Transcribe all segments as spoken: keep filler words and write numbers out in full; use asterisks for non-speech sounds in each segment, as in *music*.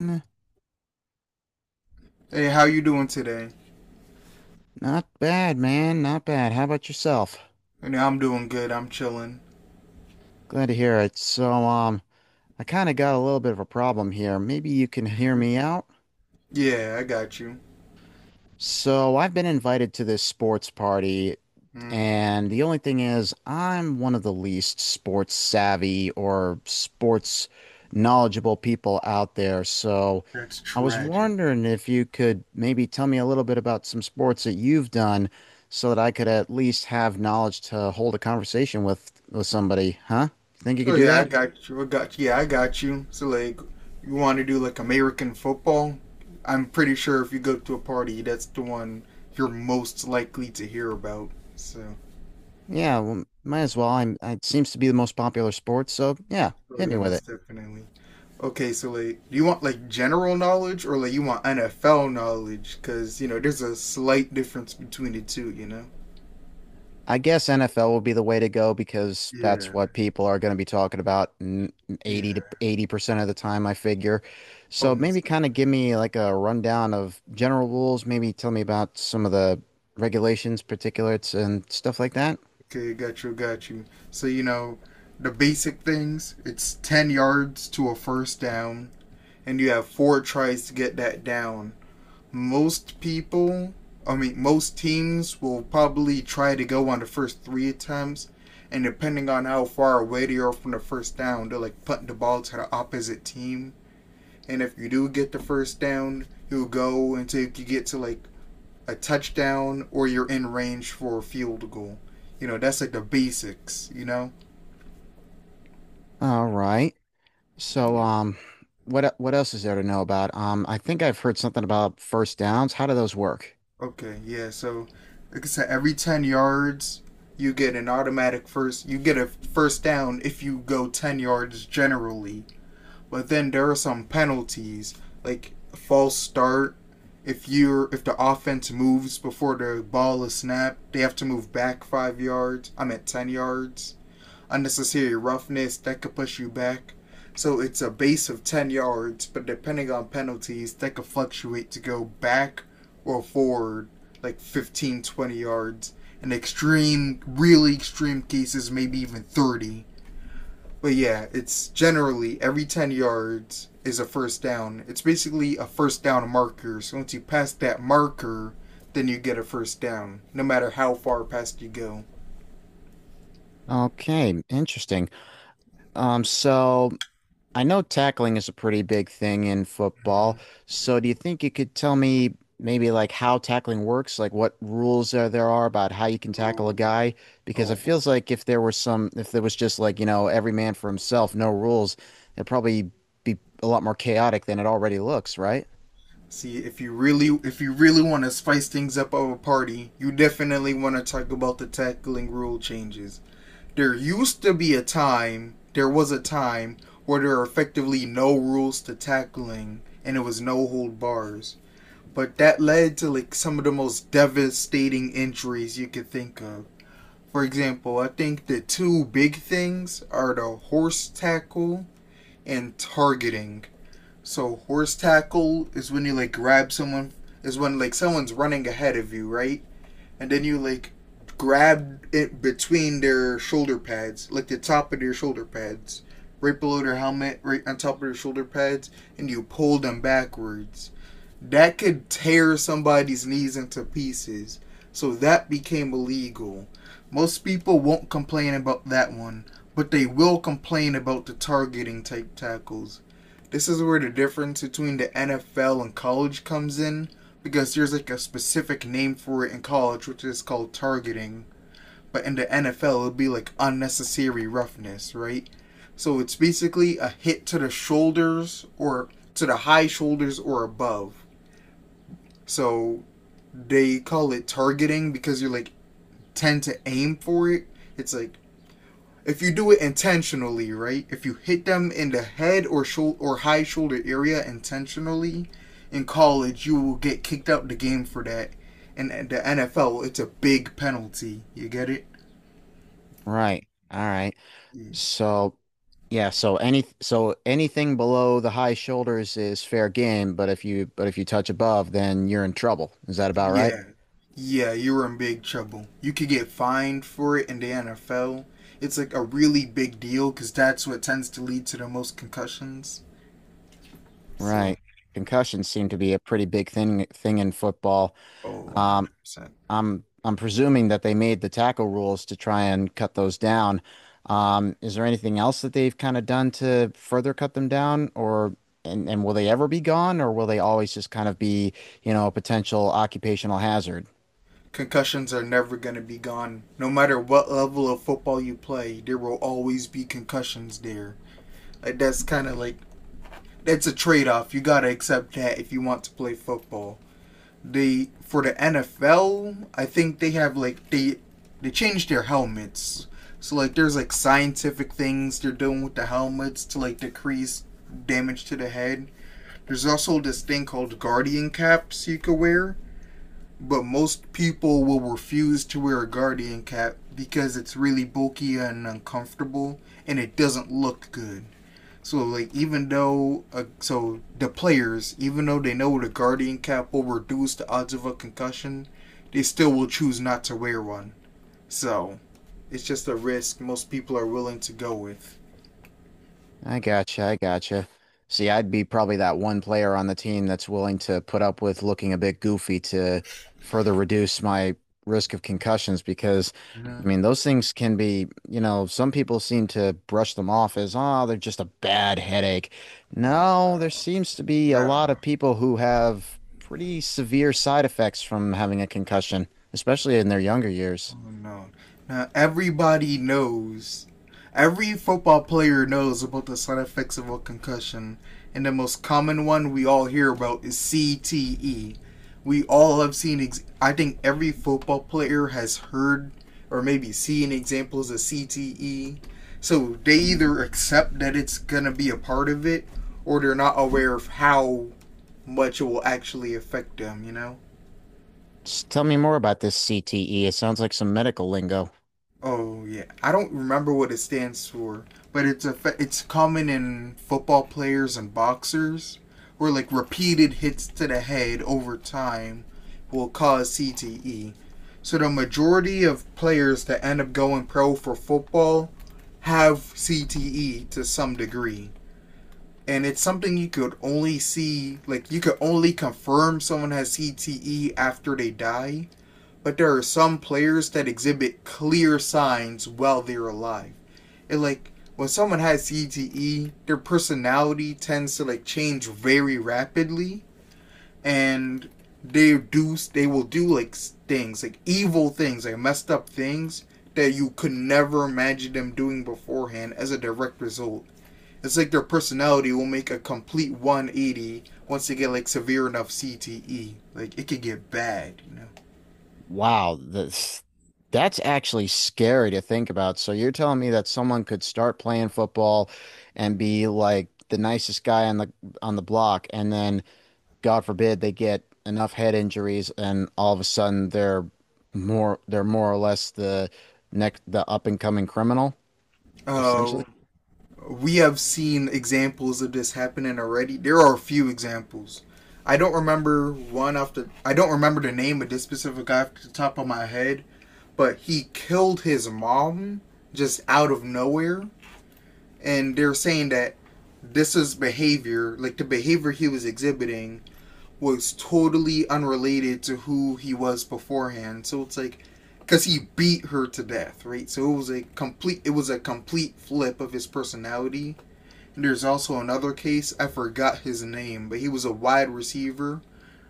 N- Hey, how you doing today? Not bad, man. Not bad. How about yourself? I'm doing good. I'm chilling. Glad to hear it. So, um, I kind of got a little bit of a problem here. Maybe you can hear Mm-hmm. me out? Yeah, I got you. So I've been invited to this sports party, Mm. and the only thing is, I'm one of the least sports savvy or sports knowledgeable people out there. So That's I was tragic. wondering if you could maybe tell me a little bit about some sports that you've done so that I could at least have knowledge to hold a conversation with with somebody, huh? You think you could Oh do yeah, I that? got you. I got Yeah, I got you. So like, you want to do like American football? I'm pretty sure if you go to a party, that's the one you're most likely to hear about. So. Yeah, well, might as well. I'm, it seems to be the most popular sport, so yeah, Oh hit me yeah, with it. most definitely. Okay, so like, do you want like general knowledge or like you want N F L knowledge? Because you know, there's a slight difference between the two. You know? I guess N F L will be the way to go because that's Yeah. what people are going to be talking about n- eighty to Yeah. eighty percent of the time, I figure. Oh, So most. maybe kind of give me like a rundown of general rules, maybe tell me about some of the regulations, particulates, and stuff like that. Okay, got you, got you. So, you know, the basic things it's ten yards to a first down, and you have four tries to get that down. Most people, I mean, most teams will probably try to go on the first three attempts, and depending on how far away they are from the first down, they'll like punt the ball to the opposite team. And if you do get the first down, you'll go until you get to like a touchdown or you're in range for a field goal. You know, that's like the basics, you know? All right. So um what e- what else is there to know about? Um I think I've heard something about first downs. How do those work? Okay, yeah, so like I said, every ten yards, you get an automatic first, you get a first down if you go ten yards generally. But then there are some penalties, like a false start. If you're if the offense moves before the ball is snapped, they have to move back five yards. I'm at ten yards unnecessary roughness that could push you back. So it's a base of ten yards, but depending on penalties, that could fluctuate to go back or forward like fifteen, twenty yards. In extreme, really extreme cases, maybe even thirty. But yeah, it's generally every ten yards is a first down. It's basically a first down marker. So once you pass that marker, then you get a first down, no matter how far past you go. Okay, interesting. Um so I know tackling is a pretty big thing in football. So do you think you could tell me maybe like how tackling works, like what rules there there are about how you can tackle a Oh, guy? Because oh it boy. feels like if there were some, if there was just like, you know, every man for himself, no rules, it'd probably be a lot more chaotic than it already looks, right? See, if you really if you really want to spice things up of a party, you definitely want to talk about the tackling rule changes. There used to be a time, there was a time where there were effectively no rules to tackling and it was no hold bars. But that led to like some of the most devastating injuries you could think of. For example, I think the two big things are the horse tackle and targeting. So horse tackle is when you like grab someone is when like someone's running ahead of you, right? And then you like grab it between their shoulder pads, like the top of their shoulder pads, right below their helmet, right on top of their shoulder pads, and you pull them backwards. That could tear somebody's knees into pieces. So that became illegal. Most people won't complain about that one, but they will complain about the targeting type tackles. This is where the difference between the N F L and college comes in because there's like a specific name for it in college, which is called targeting. But in the N F L, it'd be like unnecessary roughness, right? So it's basically a hit to the shoulders or to the high shoulders or above. So they call it targeting because you're like tend to aim for it. It's like if you do it intentionally, right? If you hit them in the head or shoulder or high shoulder area intentionally in college, you will get kicked out the game for that. And the N F L, it's a big penalty. You get it? Right. All right. So yeah, so any so anything below the high shoulders is fair game, but if you but if you touch above, then you're in trouble. Is that about right? Yeah. Yeah, you're in big trouble. You could get fined for it in the N F L. It's like a really big deal because that's what tends to lead to the most concussions. So, Right. Concussions seem to be a pretty big thing thing in football. oh, Um, one hundred percent. I'm I'm presuming that they made the tackle rules to try and cut those down. Um, is there anything else that they've kind of done to further cut them down, or and, and will they ever be gone, or will they always just kind of be, you know, a potential occupational hazard? Concussions are never going to be gone. No matter what level of football you play, there will always be concussions there. Like that's kind of like that's a trade-off. You got to accept that if you want to play football. They for the N F L, I think they have like they they changed their helmets. So like there's like scientific things they're doing with the helmets to like decrease damage to the head. There's also this thing called guardian caps you could wear, but most people will refuse to wear a guardian cap because it's really bulky and uncomfortable and it doesn't look good. So like even though uh, so the players, even though they know the guardian cap will reduce the odds of a concussion, they still will choose not to wear one. So it's just a risk most people are willing to go with. I gotcha. I gotcha. See, I'd be probably that one player on the team that's willing to put up with looking a bit goofy to further reduce my risk of concussions because, I No. mean, those things can be, you know, some people seem to brush them off as, oh, they're just a bad headache. No, there seems to be a lot No. of people who have pretty severe side effects from having a concussion, especially in their younger years. Oh no. Now everybody knows. Every football player knows about the side effects of a concussion, and the most common one we all hear about is C T E. We all have seen. Ex- I think every football player has heard or maybe seen examples of C T E. So they either accept that it's gonna be a part of it, or they're not aware of how much it will actually affect them. You know. Just tell me more about this C T E. It sounds like some medical lingo. Oh yeah, I don't remember what it stands for, but it's a it's common in football players and boxers, where like repeated hits to the head over time will cause C T E. So the majority of players that end up going pro for football have C T E to some degree, and it's something you could only see like you could only confirm someone has C T E after they die, but there are some players that exhibit clear signs while they're alive. And like when someone has C T E, their personality tends to like change very rapidly, and they do they will do like things, like evil things, like messed up things that you could never imagine them doing beforehand as a direct result. It's like their personality will make a complete one eighty once they get like severe enough C T E. Like it could get bad, you know. Wow, this That's actually scary to think about. So you're telling me that someone could start playing football and be like the nicest guy on the on the block, and then God forbid they get enough head injuries, and all of a sudden they're more they're more or less the next the up and coming criminal, essentially. Oh, we have seen examples of this happening already. There are a few examples. I don't remember one off the. I don't remember the name of this specific guy off the top of my head, but he killed his mom just out of nowhere, and they're saying that this is behavior, like the behavior he was exhibiting, was totally unrelated to who he was beforehand. So it's like, because he beat her to death, right? So it was a complete. It was a complete flip of his personality. There's also another case, I forgot his name, but he was a wide receiver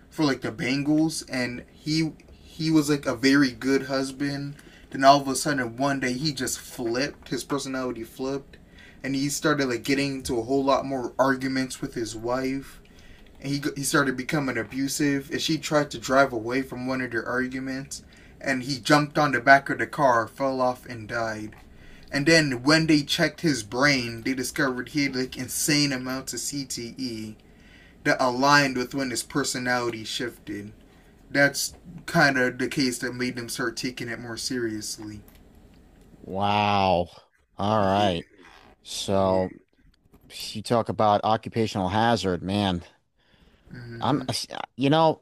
for like the Bengals and he he was like a very good husband. Then all of a sudden one day he just flipped, his personality flipped, and he started like getting into a whole lot more arguments with his wife, and he he started becoming abusive, and she tried to drive away from one of their arguments, and he jumped on the back of the car, fell off and died. And then when they checked his brain, they discovered he had like insane amounts of C T E that aligned with when his personality shifted. That's kind of the case that made them start taking it more seriously. Wow. All Yeah, right. yeah. So you talk about occupational hazard, man. I'm, Mm-hmm. you know.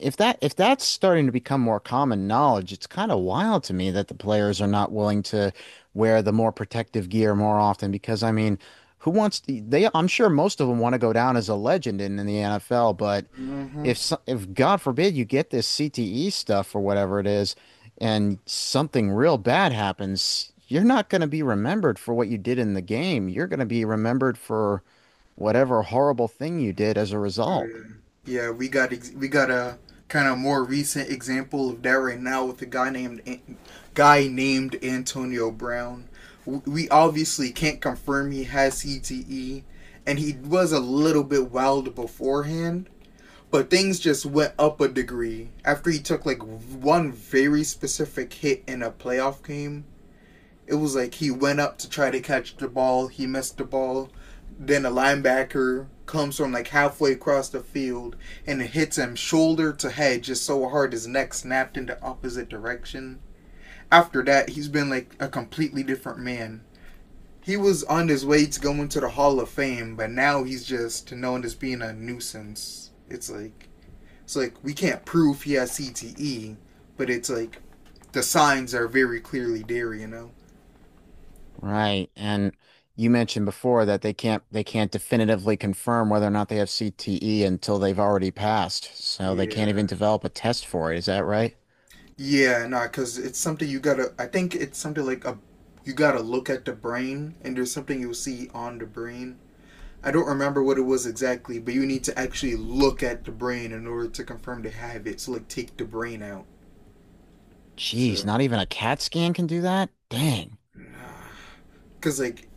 if that If that's starting to become more common knowledge, it's kind of wild to me that the players are not willing to wear the more protective gear more often because I mean, who wants to, they I'm sure most of them want to go down as a legend in, in the N F L, but Mm-hmm. if so- if God forbid you get this C T E stuff or whatever it is and something real bad happens, you're not going to be remembered for what you did in the game. You're going to be remembered for whatever horrible thing you did as a Oh result. yeah. Yeah, we got ex- we got a kind of more recent example of that right now with a guy named An- guy named Antonio Brown. W- We obviously can't confirm he has C T E, and he was a little bit wild beforehand. But things just went up a degree after he took like one very specific hit in a playoff game. It was like he went up to try to catch the ball, he missed the ball, then a linebacker comes from like halfway across the field and it hits him shoulder to head just so hard his neck snapped in the opposite direction. After that, he's been like a completely different man. He was on his way to going to the Hall of Fame, but now he's just known as being a nuisance. It's like it's like we can't prove he has C T E, but it's like the signs are very clearly there, you know. Right. And you mentioned before that they can't they can't definitively confirm whether or not they have C T E until they've already passed. So they can't even Yeah. develop a test for it. Is that right? Yeah, nah, because it's something you gotta. I think it's something like a. You gotta look at the brain, and there's something you'll see on the brain. I don't remember what it was exactly, but you need to actually look at the brain in order to confirm they have it. So like, take the brain out. Geez, So, not even a CAT scan can do that? Dang. because like,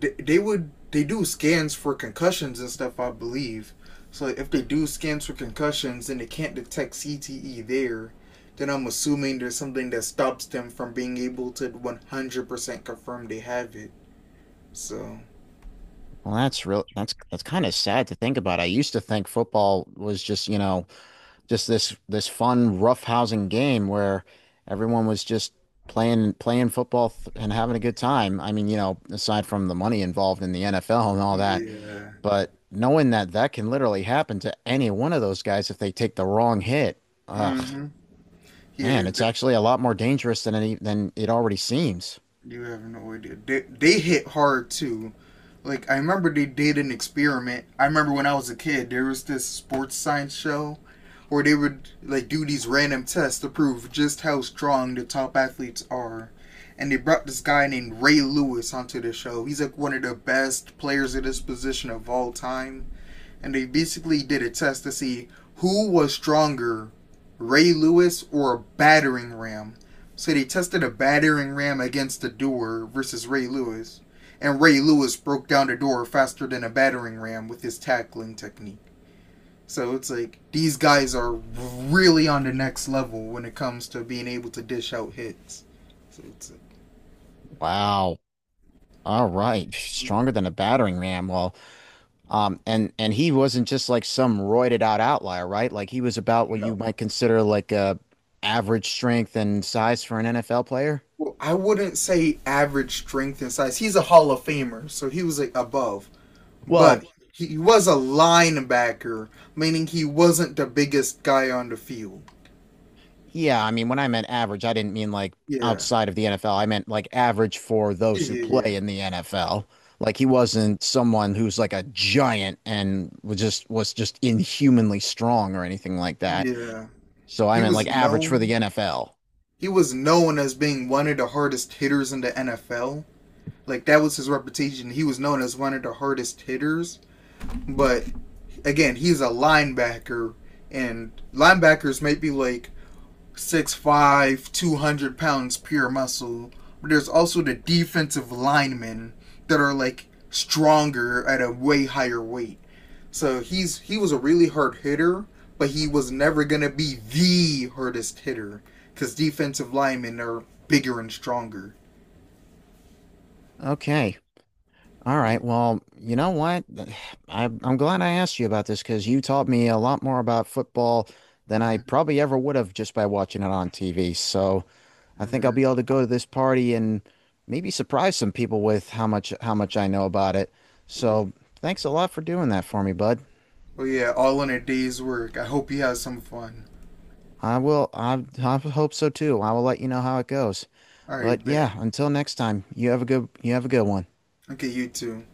they, they would they do scans for concussions and stuff, I believe. So like, if they do scans for concussions and they can't detect C T E there, then I'm assuming there's something that stops them from being able to one hundred percent confirm they have it. So Well, that's real that's that's kind of sad to think about. I used to think football was just, you know, just this this fun roughhousing game where everyone was just playing playing football th and having a good time. I mean, you know, aside from the money involved in the N F L and all that. yeah, But knowing that that can literally happen to any one of those guys if they take the wrong hit, ugh, mm-hmm. Yeah, man, it's th- actually a lot more dangerous than any than it already seems. you have no idea. They they hit hard too. Like I remember they did an experiment. I remember when I was a kid, there was this sports science show where they would like do these random tests to prove just how strong the top athletes are. And they brought this guy named Ray Lewis onto the show. He's like one of the best players at this position of all time, and they basically did a test to see who was stronger, Ray Lewis or a battering ram. So they tested a battering ram against the door versus Ray Lewis, and Ray Lewis broke down the door faster than a battering ram with his tackling technique. So it's like these guys are really on the next level when it comes to being able to dish out hits. So it's like, Wow. All right, stronger than a battering ram. Well, um, and and he wasn't just like some roided out outlier, right? Like he was about what you no. might consider like a average strength and size for an N F L player. Well, I wouldn't say average strength and size. He's a Hall of Famer, so he was like above, Well, but he was a linebacker, meaning he wasn't the biggest guy on the field. yeah, I mean, when I meant average, I didn't mean like Yeah, outside of the N F L. I meant like average for yeah, those who yeah, yeah. play in the N F L. Like he wasn't someone who's like a giant and was just was just inhumanly strong or anything like that. Yeah. So I He meant like was average for the known. N F L. He was known as being one of the hardest hitters in the N F L. Like that was his reputation. He was known as one of the hardest hitters. But again, he's a linebacker, and linebackers might be like Six five, two hundred pounds pure muscle. But there's also the defensive linemen that are like stronger at a way higher weight. So he's he was a really hard hitter, but he was never gonna be the hardest hitter because defensive linemen are bigger and stronger. Okay. All Yeah. right. Well, you know what? *sighs* I, I'm glad I asked you about this because you taught me a lot more about football than I probably ever would have just by watching it on T V. So I think I'll be Mm-hmm. able to go to this party and maybe surprise some people with how much how much I know about it. Yeah. So thanks a lot for doing that for me, bud. Oh yeah, all in a day's work. I hope you have some fun. I will, I, I hope so too. I will let you know how it goes. All But right, yeah, bet. until next time, you have a good you have a good one. Okay, you too.